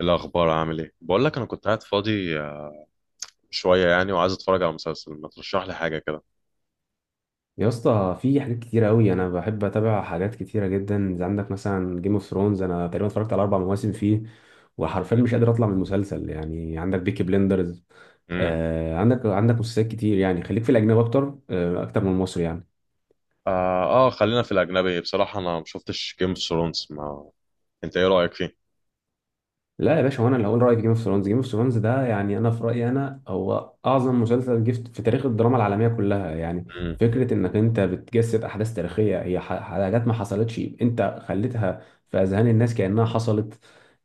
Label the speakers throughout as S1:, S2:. S1: الأخبار عامل إيه؟ بقول لك أنا كنت قاعد فاضي شوية يعني وعايز أتفرج على مسلسل ما ترشح لي حاجة كده.
S2: يا اسطى، في حاجات كتيرة قوي. انا بحب اتابع حاجات كتيرة جدا، زي عندك مثلا جيم اوف ثرونز، انا تقريبا اتفرجت على اربع مواسم فيه، وحرفيا مش قادر اطلع من المسلسل. يعني عندك بيكي بلندرز.
S1: امم.
S2: عندك مسلسلات كتير، يعني خليك في الاجنبي اكتر، اكتر من المصري يعني.
S1: آه، خلينا في الأجنبي. بصراحة أنا ما شفتش جيم اوف ثرونز. ما أنت إيه رأيك فيه؟
S2: لا يا باشا، هو انا اللي هقول رايي في جيم اوف ثرونز ده يعني، انا في رايي انا هو اعظم مسلسل جه في تاريخ الدراما العالميه كلها يعني.
S1: امم.
S2: فكره انك انت بتجسد احداث تاريخيه، هي حاجات ما حصلتش انت خليتها في اذهان الناس كانها حصلت.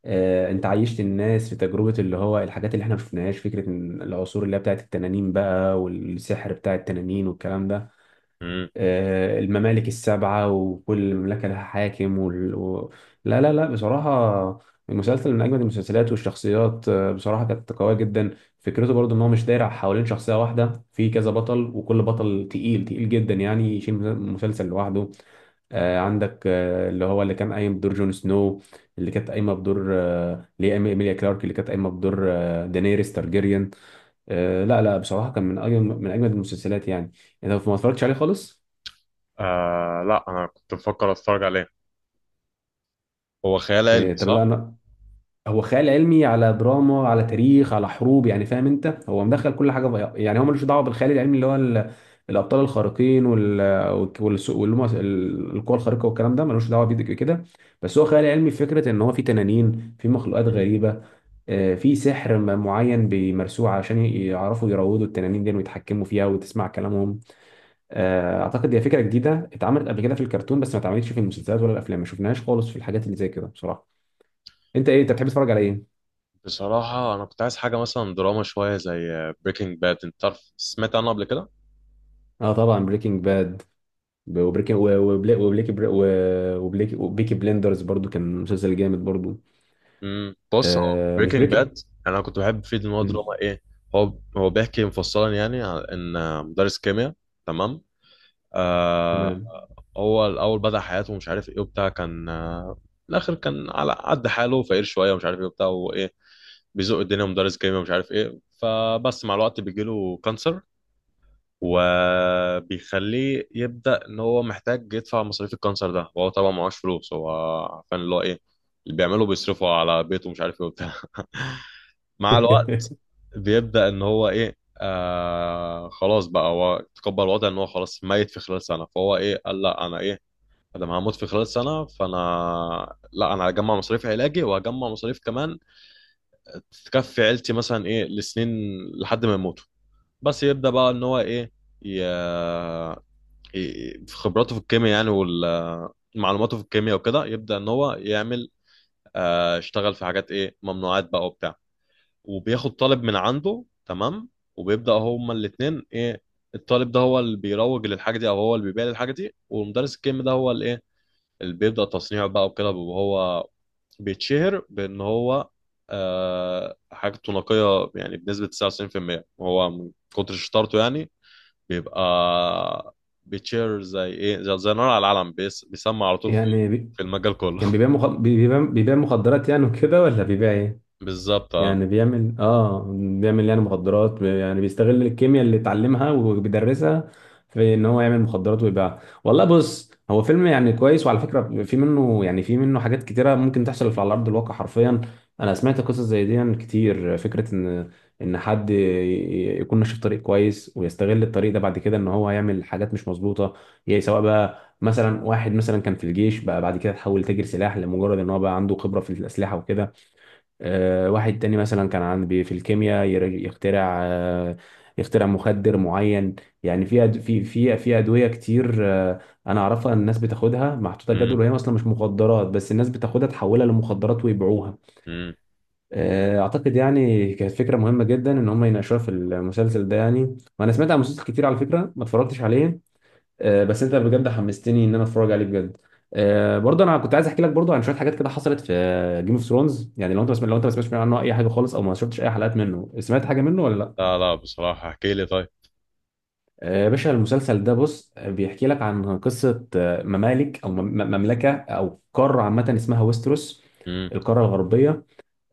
S2: انت عيشت الناس في تجربه، اللي هو الحاجات اللي احنا ما شفناهاش، فكره إن العصور اللي هي بتاعت التنانين بقى، والسحر بتاع التنانين والكلام ده.
S1: امم.
S2: الممالك السبعة وكل مملكة لها حاكم لا لا لا، بصراحة المسلسل من أجمد المسلسلات. والشخصيات بصراحة كانت قوية جدا. فكرته برضو إن هو مش داير حوالين شخصية واحدة، في كذا بطل وكل بطل تقيل تقيل جدا يعني، يشيل مسلسل لوحده. عندك اللي هو اللي كان قايم بدور جون سنو، اللي كانت قايمه بدور اللي هي إيميليا كلارك، اللي كانت قايمه بدور دانيريس تارجيريان. لا لا، بصراحه كان من اجمد المسلسلات يعني. انت ما اتفرجتش عليه خالص؟
S1: آه لا، أنا كنت بفكر أتفرج عليه. هو خيال علمي
S2: إيه، طب
S1: صح؟
S2: لا انا. هو خيال علمي على دراما على تاريخ على حروب، يعني فاهم انت، هو مدخل كل حاجه بقى. يعني هو ملوش دعوه بالخيال العلمي اللي هو الابطال الخارقين واللي هم القوى الخارقه والكلام ده، ملوش دعوه بيه كده. بس هو خيال علمي في فكره ان هو في تنانين، في مخلوقات
S1: مم.
S2: غريبه. في سحر معين بيمارسوه عشان يعرفوا يروضوا التنانين دي ويتحكموا فيها وتسمع كلامهم. اعتقد هي فكره جديده اتعملت قبل كده في الكرتون، بس ما اتعملتش في المسلسلات ولا الافلام، ما شفناهاش خالص في الحاجات اللي زي كده بصراحه. انت ايه انت بتحب تتفرج على ايه؟
S1: بصراحة أنا كنت عايز حاجة مثلا دراما شوية زي بريكنج باد. أنت عارف سمعت عنه قبل كده؟
S2: اه طبعا بريكنج باد، وبريكنج وبليكي بر- و- وبليكي وبيكي بلندرز برضو كان مسلسل جامد برضو.
S1: امم. بص، هو
S2: مش
S1: بريكنج
S2: بريكي.
S1: باد انا كنت بحب فيه ان هو
S2: مم.
S1: دراما ايه. هو بيحكي مفصلا يعني عن ان مدرس كيمياء. تمام. آه.
S2: تمام.
S1: هو الاول بدأ حياته ومش عارف ايه وبتاع كان آه، في الاخر كان على قد حاله فقير شويه ومش عارف ايه وبتاع وايه، بيزق الدنيا مدرس كيمياء ومش عارف ايه. فبس مع الوقت بيجيله كانسر وبيخليه يبدأ ان هو محتاج يدفع مصاريف الكانسر ده، وهو طبعا معهوش فلوس. هو عارفين اللي هو ايه، اللي بيعمله بيصرفه على بيته ومش عارف ايه وبتاع. مع الوقت بيبدأ ان هو ايه آه خلاص بقى، هو تقبل الوضع ان هو خلاص ميت في خلال سنة، فهو ايه قال لا، انا ايه انا هموت في خلال سنة، فانا لا، انا هجمع مصاريف علاجي وهجمع مصاريف كمان تكفي عيلتي مثلا ايه لسنين لحد ما يموتوا. بس يبدأ بقى ان هو ايه ي... في خبراته في الكيمياء يعني، ومعلوماته في الكيمياء وكده يبدأ ان هو يعمل اشتغل في حاجات ايه ممنوعات بقى وبتاع، وبياخد طالب من عنده. تمام. وبيبدأ هما الاتنين ايه، الطالب ده هو اللي بيروج للحاجة دي او هو اللي بيبيع للحاجة دي، والمدرس الكيمياء ده هو اللي ايه اللي بيبدأ تصنيعه بقى وكده. وهو بيتشهر بان هو آه حاجته نقية يعني بنسبة 99% هو من كتر شطارته يعني، بيبقى بيتشهر زي ايه، زي نار على العلم. بيسمع على طول في
S2: يعني بي...
S1: في المجال كله.
S2: كان بيبيع مخ... بيبيع بيبيع مخدرات يعني وكده، ولا بيبيع ايه؟
S1: بالظبط اه.
S2: يعني بيعمل يعني مخدرات، يعني بيستغل الكيمياء اللي اتعلمها وبيدرسها في ان هو يعمل مخدرات ويبيعها. والله بص هو فيلم يعني كويس، وعلى فكرة في منه، يعني في منه حاجات كتيرة ممكن تحصل على ارض الواقع حرفيا. انا سمعت قصص زي دي يعني كتير، فكرة ان حد يكون ماشي في طريق كويس ويستغل الطريق ده بعد كده ان هو يعمل حاجات مش مظبوطة. يعني سواء بقى مثلا واحد مثلا كان في الجيش بقى، بعد كده تحول تاجر سلاح لمجرد ان هو بقى عنده خبرة في الأسلحة وكده. واحد تاني مثلا كان في الكيمياء، يخترع مخدر معين. يعني في في ادويه كتير انا اعرفها ان الناس بتاخدها محطوطه
S1: مم،
S2: جدول، وهي اصلا مش مخدرات، بس الناس بتاخدها تحولها لمخدرات ويبيعوها.
S1: مم.
S2: اعتقد يعني كانت فكره مهمه جدا ان هم يناقشوها في المسلسل ده يعني. وانا سمعت عن مسلسل كتير على فكره ما اتفرجتش عليه. بس انت بجد حمستني ان انا اتفرج عليه بجد. برضه انا كنت عايز احكي لك برضه عن شويه حاجات كده حصلت في جيم اوف ثرونز. يعني لو انت ما سمعتش عنه اي حاجه خالص، او ما شفتش اي حلقات منه، سمعت حاجه منه ولا لا؟
S1: لا لا بصراحة احكي لي طيب.
S2: يا باشا المسلسل ده بص، بيحكي لك عن قصه ممالك او مملكه، او قاره عامه اسمها ويستروس،
S1: مم،
S2: القاره الغربيه.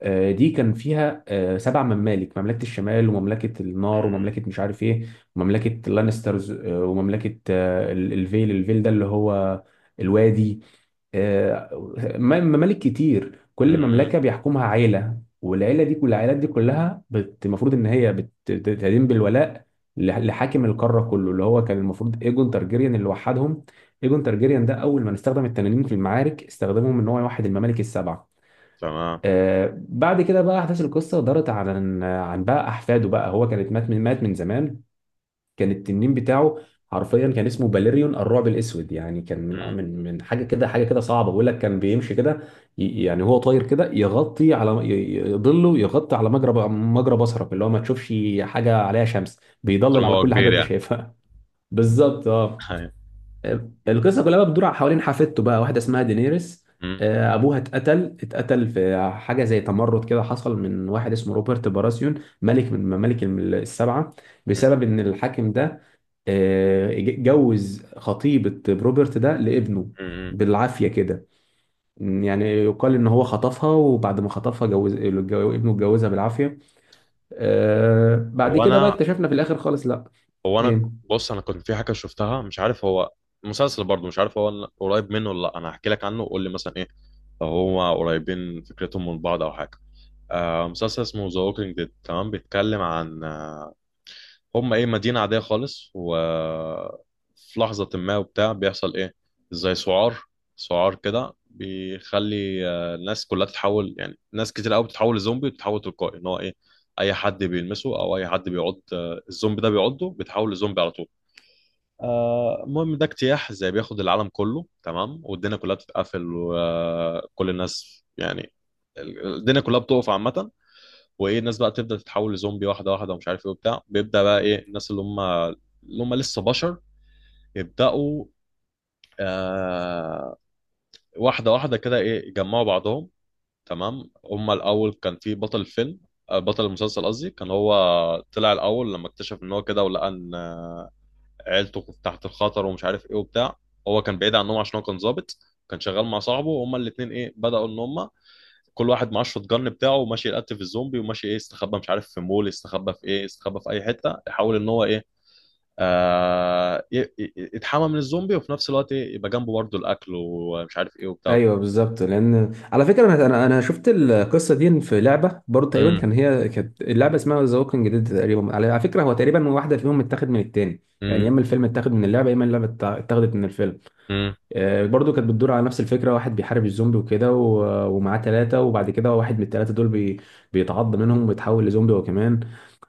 S2: دي كان فيها سبع ممالك، مملكة الشمال ومملكة النار ومملكة مش عارف ايه، ومملكة اللانسترز ومملكة الفيل ده اللي هو الوادي. آه، ممالك كتير،
S1: مم،
S2: كل
S1: مم.
S2: مملكة بيحكمها عيلة، والعيلة دي، كل العائلات دي كلها المفروض ان هي بتدين بالولاء لحاكم القارة كله، اللي هو كان المفروض ايجون تارجيريان اللي وحدهم. ايجون تارجيريان ده اول ما استخدم التنانين في المعارك، استخدمهم ان هو يوحد الممالك السبعة.
S1: تمام.
S2: بعد كده بقى احداث القصه دارت عن بقى احفاده بقى، هو كانت مات من زمان. كان التنين بتاعه حرفيا كان اسمه باليريون الرعب الاسود. يعني كان من آه،
S1: مم.
S2: من من حاجه كده، حاجه كده صعبه، بقول لك كان بيمشي كده. يعني هو طاير كده، يغطي على ظله، يغطي على مجرى مجرى بصرك، اللي هو ما تشوفش حاجه عليها شمس،
S1: من كتر
S2: بيضلل
S1: ما
S2: على
S1: هو
S2: كل حاجه
S1: كبير
S2: انت
S1: يعني.
S2: شايفها. بالظبط اه.
S1: أيوة.
S2: القصه كلها بقى بتدور حوالين حفيدته بقى، واحده اسمها دينيريس.
S1: مم.
S2: ابوها اتقتل في حاجه زي تمرد كده، حصل من واحد اسمه روبرت باراسيون، ملك من ممالك السبعه،
S1: مم.
S2: بسبب ان الحاكم ده جوز خطيبه روبرت ده لابنه
S1: مم.
S2: بالعافيه كده. يعني يقال ان هو خطفها، وبعد ما خطفها جوز ابنه، اتجوزها بالعافيه. بعد
S1: هو
S2: كده بقى
S1: انا
S2: اكتشفنا في الاخر خالص لا.
S1: هو انا
S2: ايه؟
S1: بص انا كنت في حاجه شفتها مش عارف هو مسلسل برضه، مش عارف هو قريب منه ولا لا. انا هحكي لك عنه وقول لي مثلا ايه لو هما قريبين فكرتهم من بعض او حاجه. آه مسلسل اسمه ذا ووكينج ديد. تمام. بيتكلم عن آه، هم ايه مدينة عادية خالص، و في لحظة ما وبتاع بيحصل ايه زي سعار، سعار كده بيخلي الناس كلها تتحول. يعني ناس كتير قوي بتتحول لزومبي وبتتحول تلقائي، ان هو ايه اي حد بيلمسه او اي حد بيعض الزومبي ده بيعضه بيتحول لزومبي على طول. المهم ده اجتياح زي بياخد العالم كله. تمام. والدنيا كلها بتتقفل وكل الناس يعني، الدنيا كلها بتقف عامة. وايه الناس بقى بتبدا تتحول لزومبي واحده واحده ومش عارف ايه وبتاع. بيبدا بقى ايه الناس اللي هم لسه بشر يبداوا آه واحده واحده كده ايه يجمعوا بعضهم. تمام. هم الاول كان في بطل الفيلم، بطل المسلسل قصدي، كان هو طلع الاول لما اكتشف ان هو كده ولقى ان عيلته كانت تحت الخطر ومش عارف ايه وبتاع. هو كان بعيد عنهم عشان هو كان ظابط، كان شغال مع صاحبه. وهما الاثنين ايه بداوا ان هم كل واحد معاه الشوت جن بتاعه وماشي يقتل الزومبي، وماشي ايه استخبى مش عارف في مول، استخبى في ايه استخبى في اي حته يحاول ان هو ايه يتحمى من الزومبي، وفي نفس الوقت ايه يبقى جنبه برضه الاكل ومش عارف ايه وبتاع.
S2: ايوه بالظبط لان على فكره انا انا أنا شفت القصه دي في لعبه برضه تقريبا.
S1: امم.
S2: كان هي كانت اللعبه اسمها ذا ووكينج ديد تقريبا، على فكره هو تقريبا واحده فيهم متاخد من التاني. يعني يا
S1: امم.
S2: اما الفيلم اتاخد من اللعبه، يا اما اللعبه اتاخدت من الفيلم.
S1: امم.
S2: برضه كانت بتدور على نفس الفكره، واحد بيحارب الزومبي وكده، ومعاه ثلاثه، وبعد كده واحد من الثلاثه دول بيتعض منهم وبيتحول لزومبي هو كمان.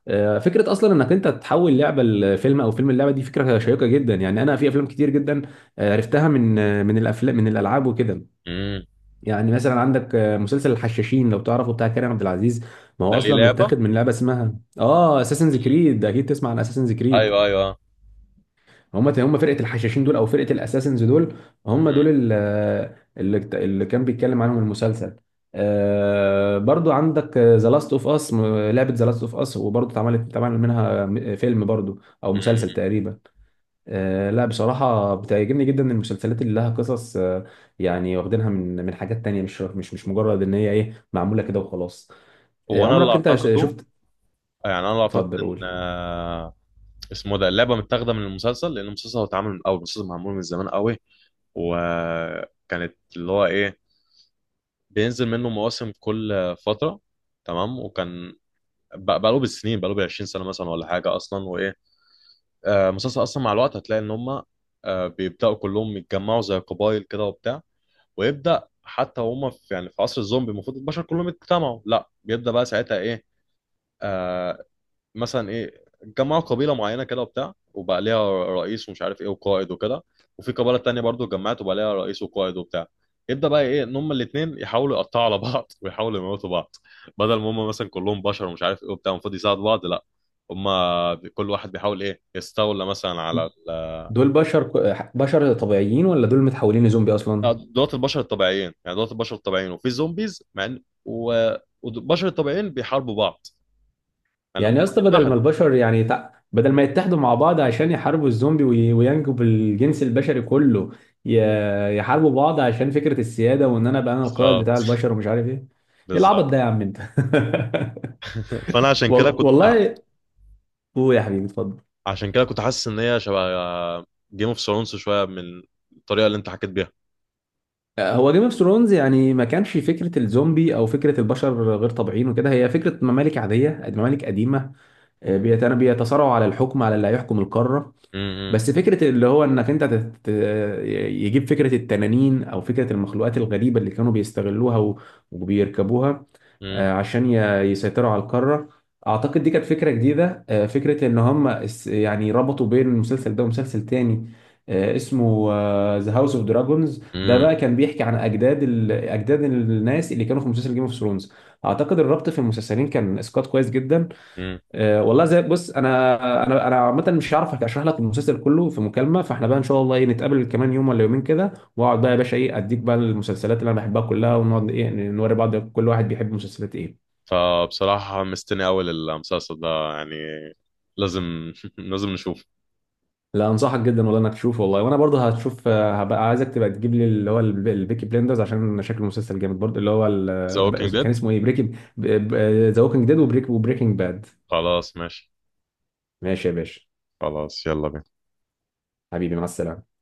S2: فكره اصلا انك انت تحول لعبه لفيلم او فيلم اللعبه، دي فكره شيقه جدا. يعني انا في افلام كتير جدا عرفتها من الافلام من الالعاب وكده.
S1: امم.
S2: يعني مثلا عندك مسلسل الحشاشين، لو تعرفه، بتاع كريم عبد العزيز. ما
S1: ده
S2: هو
S1: ليه
S2: اصلا
S1: لعبه.
S2: متاخد من لعبه اسمها اساسنز كريد، اكيد تسمع عن اساسنز كريد.
S1: ايوه ايوه.
S2: هم فرقه الحشاشين دول، او فرقه الاساسنز دول، هم دول
S1: مم.
S2: اللي كان بيتكلم عنهم المسلسل. برضو عندك ذا لاست اوف اس، لعبه ذا لاست اوف اس، وبرضو اتعملت اتعمل منها فيلم برضو او
S1: مم.
S2: مسلسل تقريبا. لا بصراحة بتعجبني جدا المسلسلات اللي لها قصص يعني واخدينها من حاجات تانية، مش مجرد ان هي ايه معمولة كده وخلاص.
S1: هو انا اللي
S2: عمرك انت
S1: اعتقده
S2: شفت؟
S1: يعني انا اللي اعتقد
S2: اتفضل قول.
S1: ان اسمه ده اللعبه متاخده من المسلسل، لان المسلسل هو اتعمل من الاول. المسلسل معمول من زمان قوي، وكانت اللي هو ايه بينزل منه مواسم كل فترة. تمام. وكان بقاله بالسنين، بقاله بالعشرين سنة مثلا ولا حاجة أصلا. وإيه آه مسلسل أصلا، مع الوقت هتلاقي إن هما آه بيبدأوا كلهم يتجمعوا زي قبايل كده وبتاع. ويبدأ حتى هما في يعني في عصر الزومبي المفروض البشر كلهم يتجمعوا، لا بيبدأ بقى ساعتها إيه آه، مثلا ايه جمعوا قبيله معينه كده وبتاع وبقى ليها رئيس ومش عارف ايه وقائد وكده. وفي قبيله تانية برضو اتجمعت وبقى ليها رئيس وقائد وبتاع. يبدا بقى ايه ان هم الاثنين يحاولوا يقطعوا على بعض ويحاولوا يموتوا بعض، بدل ما هم مثلا كلهم بشر ومش عارف ايه وبتاع المفروض يساعدوا بعض. لا، هم كل واحد بيحاول ايه يستولى مثلا على
S2: دول بشر بشر طبيعيين، ولا دول متحولين لزومبي اصلا؟
S1: دولات البشر الطبيعيين. يعني دولات البشر الطبيعيين وفي زومبيز مع والبشر الطبيعيين بيحاربوا بعض. يعني هم
S2: يعني يا اسطى، بدل ما
S1: اتحدوا.
S2: البشر يعني بدل ما يتحدوا مع بعض عشان يحاربوا الزومبي وينجوا بالجنس البشري كله، يحاربوا بعض عشان فكرة السيادة، وان انا ابقى انا القائد بتاع
S1: بالظبط.
S2: البشر ومش عارف ايه. ايه العبط
S1: بالظبط.
S2: ده يا عم انت؟
S1: فانا عشان كده كنت
S2: والله، قول يا حبيبي اتفضل.
S1: عشان كده كنت حاسس ان هي شبه جيم اوف ثرونز شويه من الطريقه اللي انت حكيت بيها.
S2: هو جيم اوف ثرونز يعني ما كانش فكره الزومبي او فكره البشر غير طبيعيين وكده، هي فكره ممالك عاديه، ممالك قديمه يعني بيتصارعوا على الحكم، على اللي هيحكم القاره.
S1: امم.
S2: بس فكرة اللي هو انك انت يجيب فكرة التنانين، او فكرة المخلوقات الغريبة اللي كانوا بيستغلوها وبيركبوها
S1: امم.
S2: آه، عشان ي... يسيطروا على القارة. اعتقد دي كانت فكرة جديدة فكرة ان هم يعني ربطوا بين المسلسل ده ومسلسل تاني اسمه ذا هاوس اوف دراجونز. ده
S1: امم.
S2: بقى كان بيحكي عن اجداد الناس اللي كانوا في مسلسل جيم اوف ثرونز. اعتقد الربط في المسلسلين كان اسقاط كويس جدا.
S1: امم.
S2: والله زي بص، انا عامه مش هعرف اشرح لك المسلسل كله في مكالمه، فاحنا بقى ان شاء الله ايه نتقابل كمان يوم ولا يومين كده، واقعد بقى يا باشا ايه اديك بقى المسلسلات اللي انا بحبها كلها، ونقعد ايه نوري بعض كل واحد بيحب مسلسلات ايه.
S1: فبصراحه مستني اول المسلسل ده يعني، لازم لازم نشوف
S2: لا انصحك جدا والله انك تشوف، والله وانا برضه هتشوف. هبقى عايزك تبقى تجيب لي اللي هو البيكي بلندرز، عشان شكل المسلسل جامد برضه. اللي هو
S1: ذا ووكينج
S2: كان
S1: ديد.
S2: اسمه ايه بريكنج؟ ذا ووكينج ديد وبريكنج باد.
S1: خلاص ماشي.
S2: ماشي يا باشا،
S1: خلاص يلا بينا.
S2: حبيبي مع السلامه.